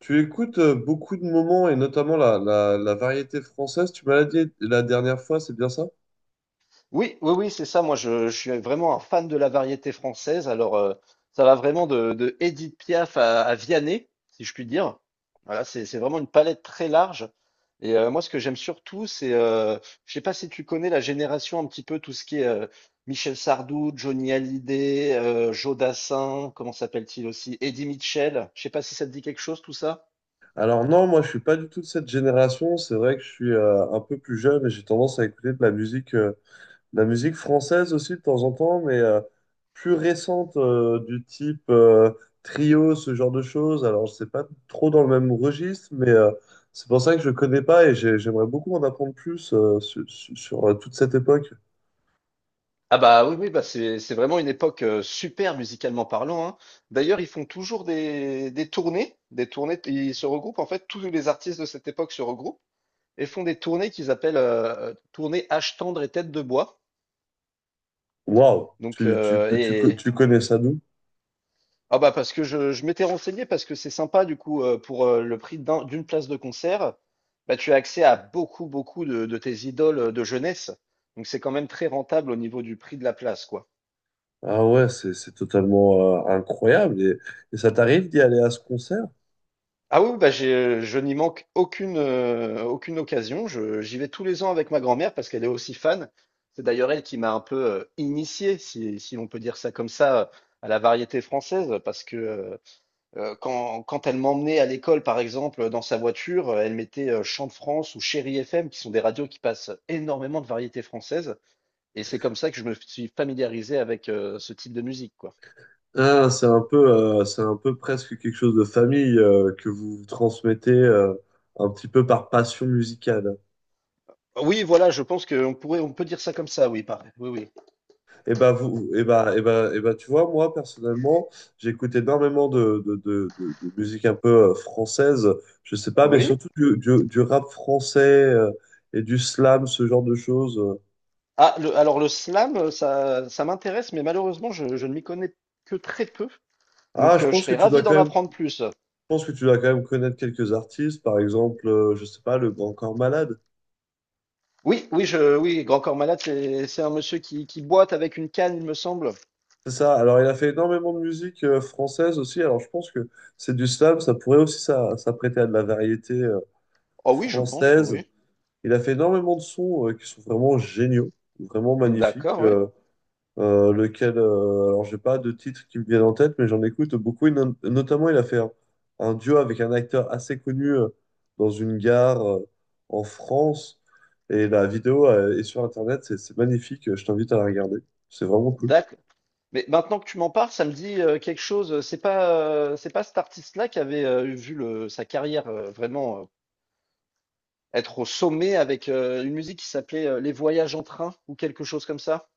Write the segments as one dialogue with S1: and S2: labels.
S1: Tu écoutes beaucoup de moments et notamment la variété française. Tu m'as dit la dernière fois, c'est bien ça?
S2: Oui, oui, oui, c'est ça. Moi, je suis vraiment un fan de la variété française. Alors, ça va vraiment de Édith Piaf à Vianney, si je puis dire. Voilà, c'est vraiment une palette très large. Et moi, ce que j'aime surtout, c'est je sais pas si tu connais la génération un petit peu tout ce qui est Michel Sardou, Johnny Hallyday, Joe Dassin, comment s'appelle-t-il aussi, Eddie Mitchell. Je sais pas si ça te dit quelque chose, tout ça.
S1: Alors non, moi je suis pas du tout de cette génération. C'est vrai que je suis un peu plus jeune et j'ai tendance à écouter de la musique française aussi de temps en temps, mais plus récente du type trio, ce genre de choses. Alors je sais pas trop dans le même registre, mais c'est pour ça que je connais pas et j'aimerais beaucoup en apprendre plus sur toute cette époque.
S2: Ah bah oui, oui, bah c'est vraiment une époque, super musicalement parlant, hein. D'ailleurs, ils font toujours des tournées, des tournées, ils se regroupent en fait, tous les artistes de cette époque se regroupent et font des tournées qu'ils appellent, tournées Âge tendre et tête de bois.
S1: Waouh,
S2: Donc, heu et
S1: tu connais ça d'où?
S2: ah bah parce que je m'étais renseigné parce que c'est sympa du coup, pour, le prix d'une place de concert, bah tu as accès à beaucoup, beaucoup de tes idoles, de jeunesse. Donc c'est quand même très rentable au niveau du prix de la place, quoi.
S1: Ah ouais, c'est totalement incroyable. Et ça t'arrive d'y aller à ce concert?
S2: Ah oui, bah je n'y manque aucune, aucune occasion. J'y vais tous les ans avec ma grand-mère parce qu'elle est aussi fan. C'est d'ailleurs elle qui m'a un peu initié, si on peut dire ça comme ça, à la variété française. Parce que quand elle m'emmenait à l'école, par exemple, dans sa voiture, elle mettait Chant de France ou Chéri FM, qui sont des radios qui passent énormément de variétés françaises. Et c'est comme ça que je me suis familiarisé avec ce type de musique, quoi.
S1: Ah, c'est un peu presque quelque chose de famille que vous vous transmettez un petit peu par passion musicale.
S2: Oui, voilà, je pense on peut dire ça comme ça, oui, pareil. Oui, oui.
S1: Et bah vous, et bah, et bah, et bah, tu vois, moi personnellement, j'écoute énormément de musique un peu française. Je sais pas, mais
S2: Oui.
S1: surtout du rap français et du slam, ce genre de choses.
S2: Alors le slam, ça m'intéresse, mais malheureusement, je ne m'y connais que très peu.
S1: Ah,
S2: Donc,
S1: je
S2: je
S1: pense que
S2: serais
S1: tu dois
S2: ravi
S1: quand
S2: d'en
S1: même
S2: apprendre plus.
S1: pense que tu dois quand même connaître quelques artistes, par exemple, je sais pas, le Grand Corps Malade.
S2: Oui, Grand Corps Malade, c'est un monsieur qui boite avec une canne, il me semble.
S1: C'est ça. Alors, il a fait énormément de musique française aussi. Alors, je pense que c'est du slam. Ça pourrait aussi ça, s'apprêter à de la variété
S2: Oh oui, je pense,
S1: française.
S2: oui.
S1: Il a fait énormément de sons qui sont vraiment géniaux, vraiment magnifiques.
S2: D'accord, oui.
S1: euh, euh, lequel, euh, Alors j'ai pas de titres qui me viennent en tête, mais j'en écoute beaucoup. Et notamment, il a fait un duo avec un acteur assez connu dans une gare en France. Et la vidéo est sur Internet, c'est magnifique, je t'invite à la regarder. C'est vraiment cool.
S2: D'accord. Mais maintenant que tu m'en parles, ça me dit quelque chose. C'est pas cet artiste-là qui avait vu sa carrière vraiment être au sommet avec une musique qui s'appelait Les Voyages en train ou quelque chose comme ça?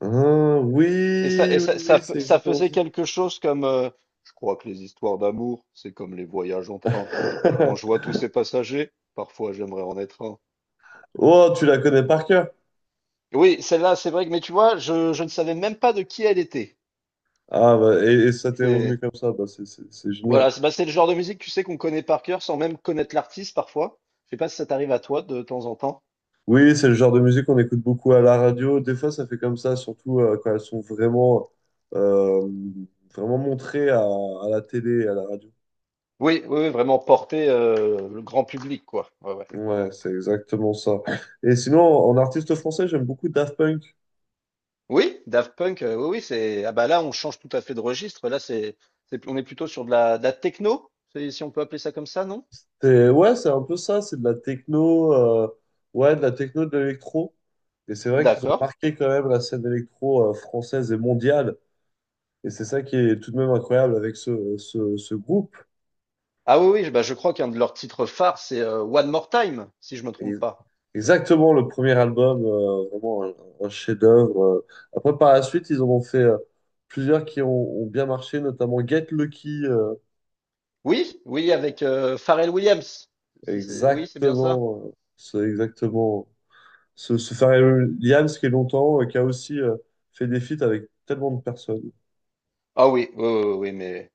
S1: Ah, oui, c'est
S2: Ça
S1: exactement
S2: faisait
S1: ça.
S2: quelque chose comme, je crois que les histoires d'amour, c'est comme les voyages en train. Et quand je vois tous ces passagers, parfois j'aimerais en être un.
S1: Oh, tu la connais par cœur.
S2: Oui, celle-là, c'est vrai que, mais tu vois, je ne savais même pas de qui elle était.
S1: Ah, bah, et ça t'est revenu
S2: C'est,
S1: comme ça, bah, c'est génial.
S2: voilà, c'est bah, c'est le genre de musique, tu sais, qu'on connaît par cœur sans même connaître l'artiste parfois. Je sais pas si ça t'arrive à toi de temps en temps.
S1: Oui, c'est le genre de musique qu'on écoute beaucoup à la radio. Des fois, ça fait comme ça, surtout quand elles sont vraiment, euh, vraiment montrées à la télé et à la radio.
S2: Oui, oui, oui, vraiment porter le grand public, quoi. Ouais, ouais.
S1: Ouais, c'est exactement ça. Et sinon, en artiste français, j'aime beaucoup Daft Punk.
S2: Oui, Daft Punk, oui, oui, c'est. Ah bah là, on change tout à fait de registre. On est plutôt sur de la techno, si on peut appeler ça comme ça, non?
S1: Ouais, c'est un peu ça, c'est de la techno, ouais, de la techno, de l'électro. Et c'est vrai qu'ils ont
S2: D'accord.
S1: marqué quand même la scène électro française et mondiale. Et c'est ça qui est tout de même incroyable avec ce groupe.
S2: Bah, je crois qu'un de leurs titres phares, c'est One More Time, si je me trompe
S1: Ex-
S2: pas.
S1: Exactement, le premier album, vraiment un chef-d'œuvre. Après, par la suite, ils en ont fait plusieurs qui ont bien marché, notamment Get Lucky.
S2: Oui, oui, avec Pharrell Williams. Si C'est, oui, c'est bien ça.
S1: Exactement, c'est exactement ce Pharrell Williams qui est longtemps, qui a aussi fait des feats avec tellement de personnes.
S2: Ah oui, oui, oui, oui, oui, mais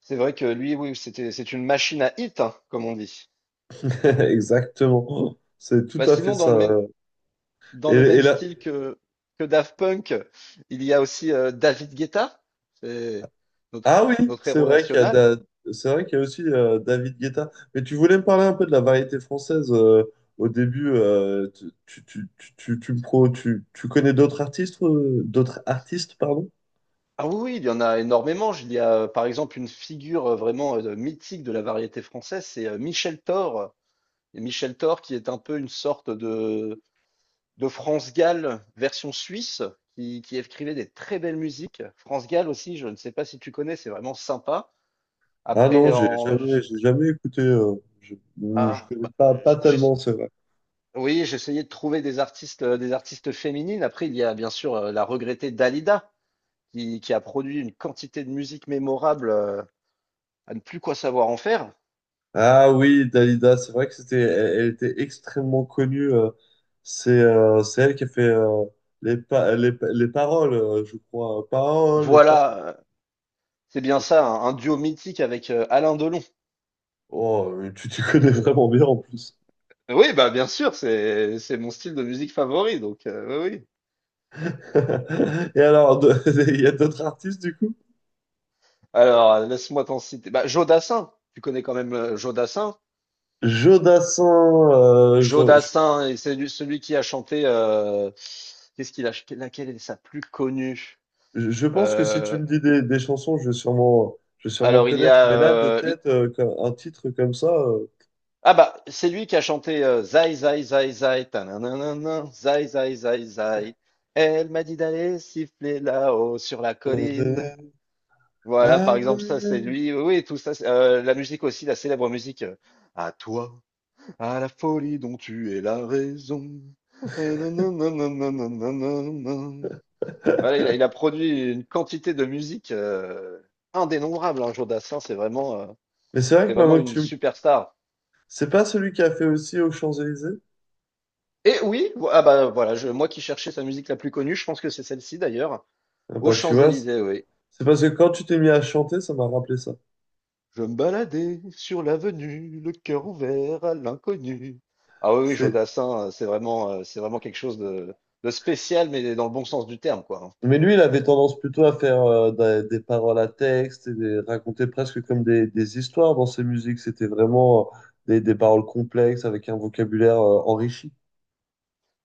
S2: c'est vrai que lui, oui, c'est une machine à hit, hein, comme on dit.
S1: Exactement, c'est tout
S2: Bah
S1: à fait
S2: sinon,
S1: ça. Ouais. Et,
S2: dans le
S1: et
S2: même
S1: la-
S2: style que Daft Punk, il y a aussi David Guetta, c'est notre,
S1: Ah oui,
S2: notre
S1: c'est
S2: héros
S1: vrai qu'il y a
S2: national.
S1: Da- c'est vrai qu'il y a aussi David Guetta. Mais tu voulais me parler un peu de la variété française au début. Tu, tu, tu, tu, tu, tu me pro- tu- Tu connais d'autres artistes, pardon?
S2: Ah oui, oui, il y en a énormément. Il y a par exemple une figure vraiment mythique de la variété française, c'est Michel Thor. Et Michel Thor qui est un peu une sorte de France Gall version suisse, qui écrivait des très belles musiques. France Gall aussi, je ne sais pas si tu connais, c'est vraiment sympa.
S1: Ah non,
S2: Après, en, j-
S1: j'ai jamais écouté. Non, je
S2: ah,
S1: connais
S2: bah,
S1: pas, pas
S2: j- j'ai-
S1: tellement, c'est vrai.
S2: Oui, j'essayais de trouver des artistes féminines. Après, il y a bien sûr la regrettée Dalida, qui a produit une quantité de musique mémorable à ne plus quoi savoir en faire.
S1: Ah oui, Dalida, c'est vrai que c'était, elle, elle était extrêmement connue. C'est elle qui a fait les paroles, je crois. Paroles, les paroles.
S2: Voilà, c'est bien ça, un duo mythique avec Alain Delon.
S1: Oh, mais tu t'y connais vraiment bien en plus.
S2: Oui, bah bien sûr, c'est mon style de musique favori, donc oui, oui.
S1: Et alors, il y a d'autres artistes du coup?
S2: Alors, laisse-moi t'en citer. Bah, Joe Dassin, tu connais quand même Joe Dassin.
S1: Jodassin,
S2: Celui qui a chanté. Qu'est-ce qu'il a, laquelle est sa plus connue?
S1: je pense que si tu
S2: Euh,
S1: me dis des chansons, je vais sûrement
S2: Alors, il y
S1: connaître.
S2: a.
S1: Mais là, de tête, un titre comme ça.
S2: C'est lui qui a chanté Zai, Zai, Zai, Zai, tananana, Zai, Zai, Zai, Zai. Elle m'a dit d'aller siffler là-haut sur la colline.
S1: euh,
S2: Voilà,
S1: ah
S2: par
S1: ouais.
S2: exemple, ça, c'est lui. Oui, oui, tout ça. La musique aussi, la célèbre musique. À toi, à la folie dont tu es la raison. Nanananananananana. Voilà, il a produit une quantité de musique indénombrable. Hein, Joe Dassin,
S1: Mais c'est vrai
S2: c'est
S1: que
S2: vraiment
S1: maintenant que
S2: une
S1: tu. M-
S2: superstar.
S1: c'est pas celui qui a fait aussi aux Champs-Élysées?
S2: Moi qui cherchais sa musique la plus connue, je pense que c'est celle-ci d'ailleurs,
S1: Ah
S2: aux
S1: bah, tu vois,
S2: Champs-Élysées, oui.
S1: c'est parce que quand tu t'es mis à chanter, ça m'a rappelé ça.
S2: Je me baladais sur l'avenue, le cœur ouvert à l'inconnu. Ah oui, oui,
S1: C'est
S2: Jodassin, c'est vraiment quelque chose de spécial, mais dans le bon sens du terme, quoi.
S1: Mais lui, il avait tendance plutôt à faire des paroles à texte et raconter presque comme des histoires dans ses musiques. C'était vraiment des paroles complexes avec un vocabulaire enrichi.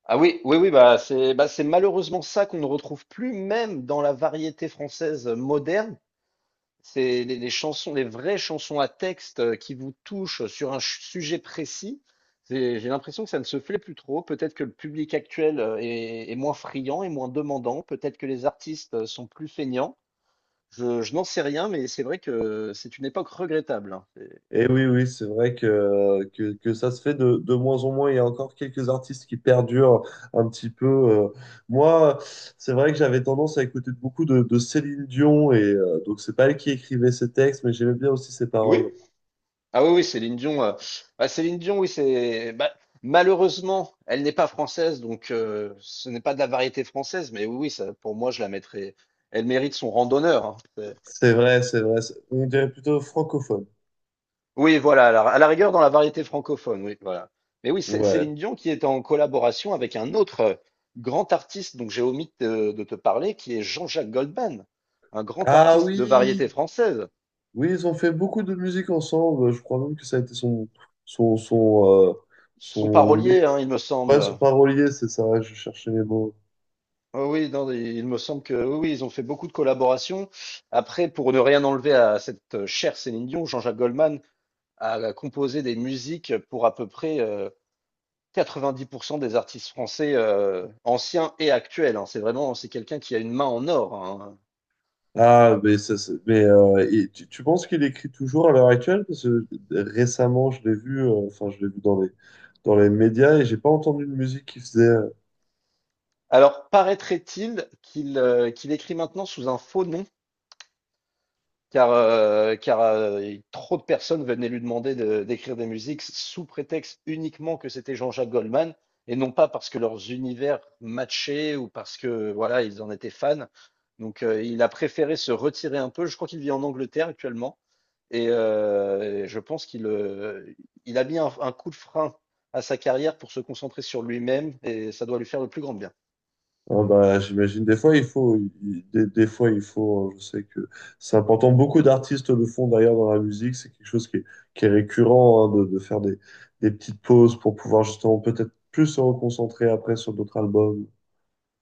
S2: Ah oui, oui, oui, bah c'est malheureusement ça qu'on ne retrouve plus, même dans la variété française moderne. C'est les chansons, les vraies chansons à texte qui vous touchent sur un sujet précis. J'ai l'impression que ça ne se fait plus trop. Peut-être que le public actuel est moins friand et moins demandant. Peut-être que les artistes sont plus feignants. Je n'en sais rien, mais c'est vrai que c'est une époque regrettable, hein.
S1: Et oui, oui, c'est vrai que, que ça se fait de moins en moins. Il y a encore quelques artistes qui perdurent un petit peu. Moi, c'est vrai que j'avais tendance à écouter beaucoup de Céline Dion. Et donc, c'est pas elle qui écrivait ses textes, mais j'aimais bien aussi ses
S2: Oui?
S1: paroles.
S2: Ah oui, oui, Céline Dion. Bah, Céline Dion, oui, c'est. Bah, malheureusement, elle n'est pas française, donc ce n'est pas de la variété française. Mais oui, oui, ça, pour moi, je la mettrais. Elle mérite son rang d'honneur, hein.
S1: C'est vrai, c'est vrai. On dirait plutôt francophone.
S2: Oui, voilà, à à la rigueur dans la variété francophone, oui, voilà. Mais oui,
S1: Ouais.
S2: Céline Dion qui est en collaboration avec un autre grand artiste dont j'ai omis de te parler, qui est Jean-Jacques Goldman, un grand
S1: Ah
S2: artiste de variété
S1: oui,
S2: française.
S1: oui, ils ont fait beaucoup de musique ensemble. Je crois même que ça a été son, son, euh,
S2: Son
S1: son
S2: parolier, hein, il me
S1: ouais, son
S2: semble.
S1: parolier, c'est ça. Je cherchais les mots.
S2: Oh oui, non, il me semble que oui, oui, ils ont fait beaucoup de collaborations. Après, pour ne rien enlever à cette chère Céline Dion, Jean-Jacques Goldman a composé des musiques pour à peu près 90% des artistes français anciens et actuels, hein. C'est vraiment, c'est quelqu'un qui a une main en or, hein.
S1: Ah, mais, ça, tu penses qu'il écrit toujours à l'heure actuelle? Parce que récemment, je l'ai vu dans dans les médias et j'ai pas entendu de musique qu'il faisait.
S2: Alors, paraîtrait-il qu'il qu'il écrit maintenant sous un faux nom, car, trop de personnes venaient lui demander d'écrire des musiques sous prétexte uniquement que c'était Jean-Jacques Goldman, et non pas parce que leurs univers matchaient ou parce que voilà, ils en étaient fans. Donc, il a préféré se retirer un peu. Je crois qu'il vit en Angleterre actuellement. Et je pense qu'il il a mis un coup de frein à sa carrière pour se concentrer sur lui-même et ça doit lui faire le plus grand bien.
S1: Oh, bah, j'imagine des fois il faut des fois il faut je sais que c'est important, beaucoup d'artistes le font d'ailleurs dans la musique, c'est quelque chose qui est récurrent hein, de faire des petites pauses pour pouvoir justement peut-être plus se reconcentrer après sur d'autres albums.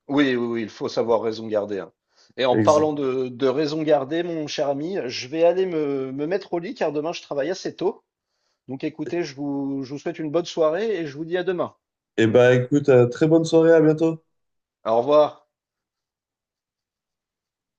S2: Oui, oui, oui, il faut savoir raison garder, hein. Et en
S1: Ex-
S2: parlant de raison garder, mon cher ami, je vais aller me mettre au lit car demain je travaille assez tôt. Donc écoutez, je vous souhaite une bonne soirée et je vous dis à demain.
S1: Eh et bah écoute très bonne soirée, à bientôt.
S2: Au revoir.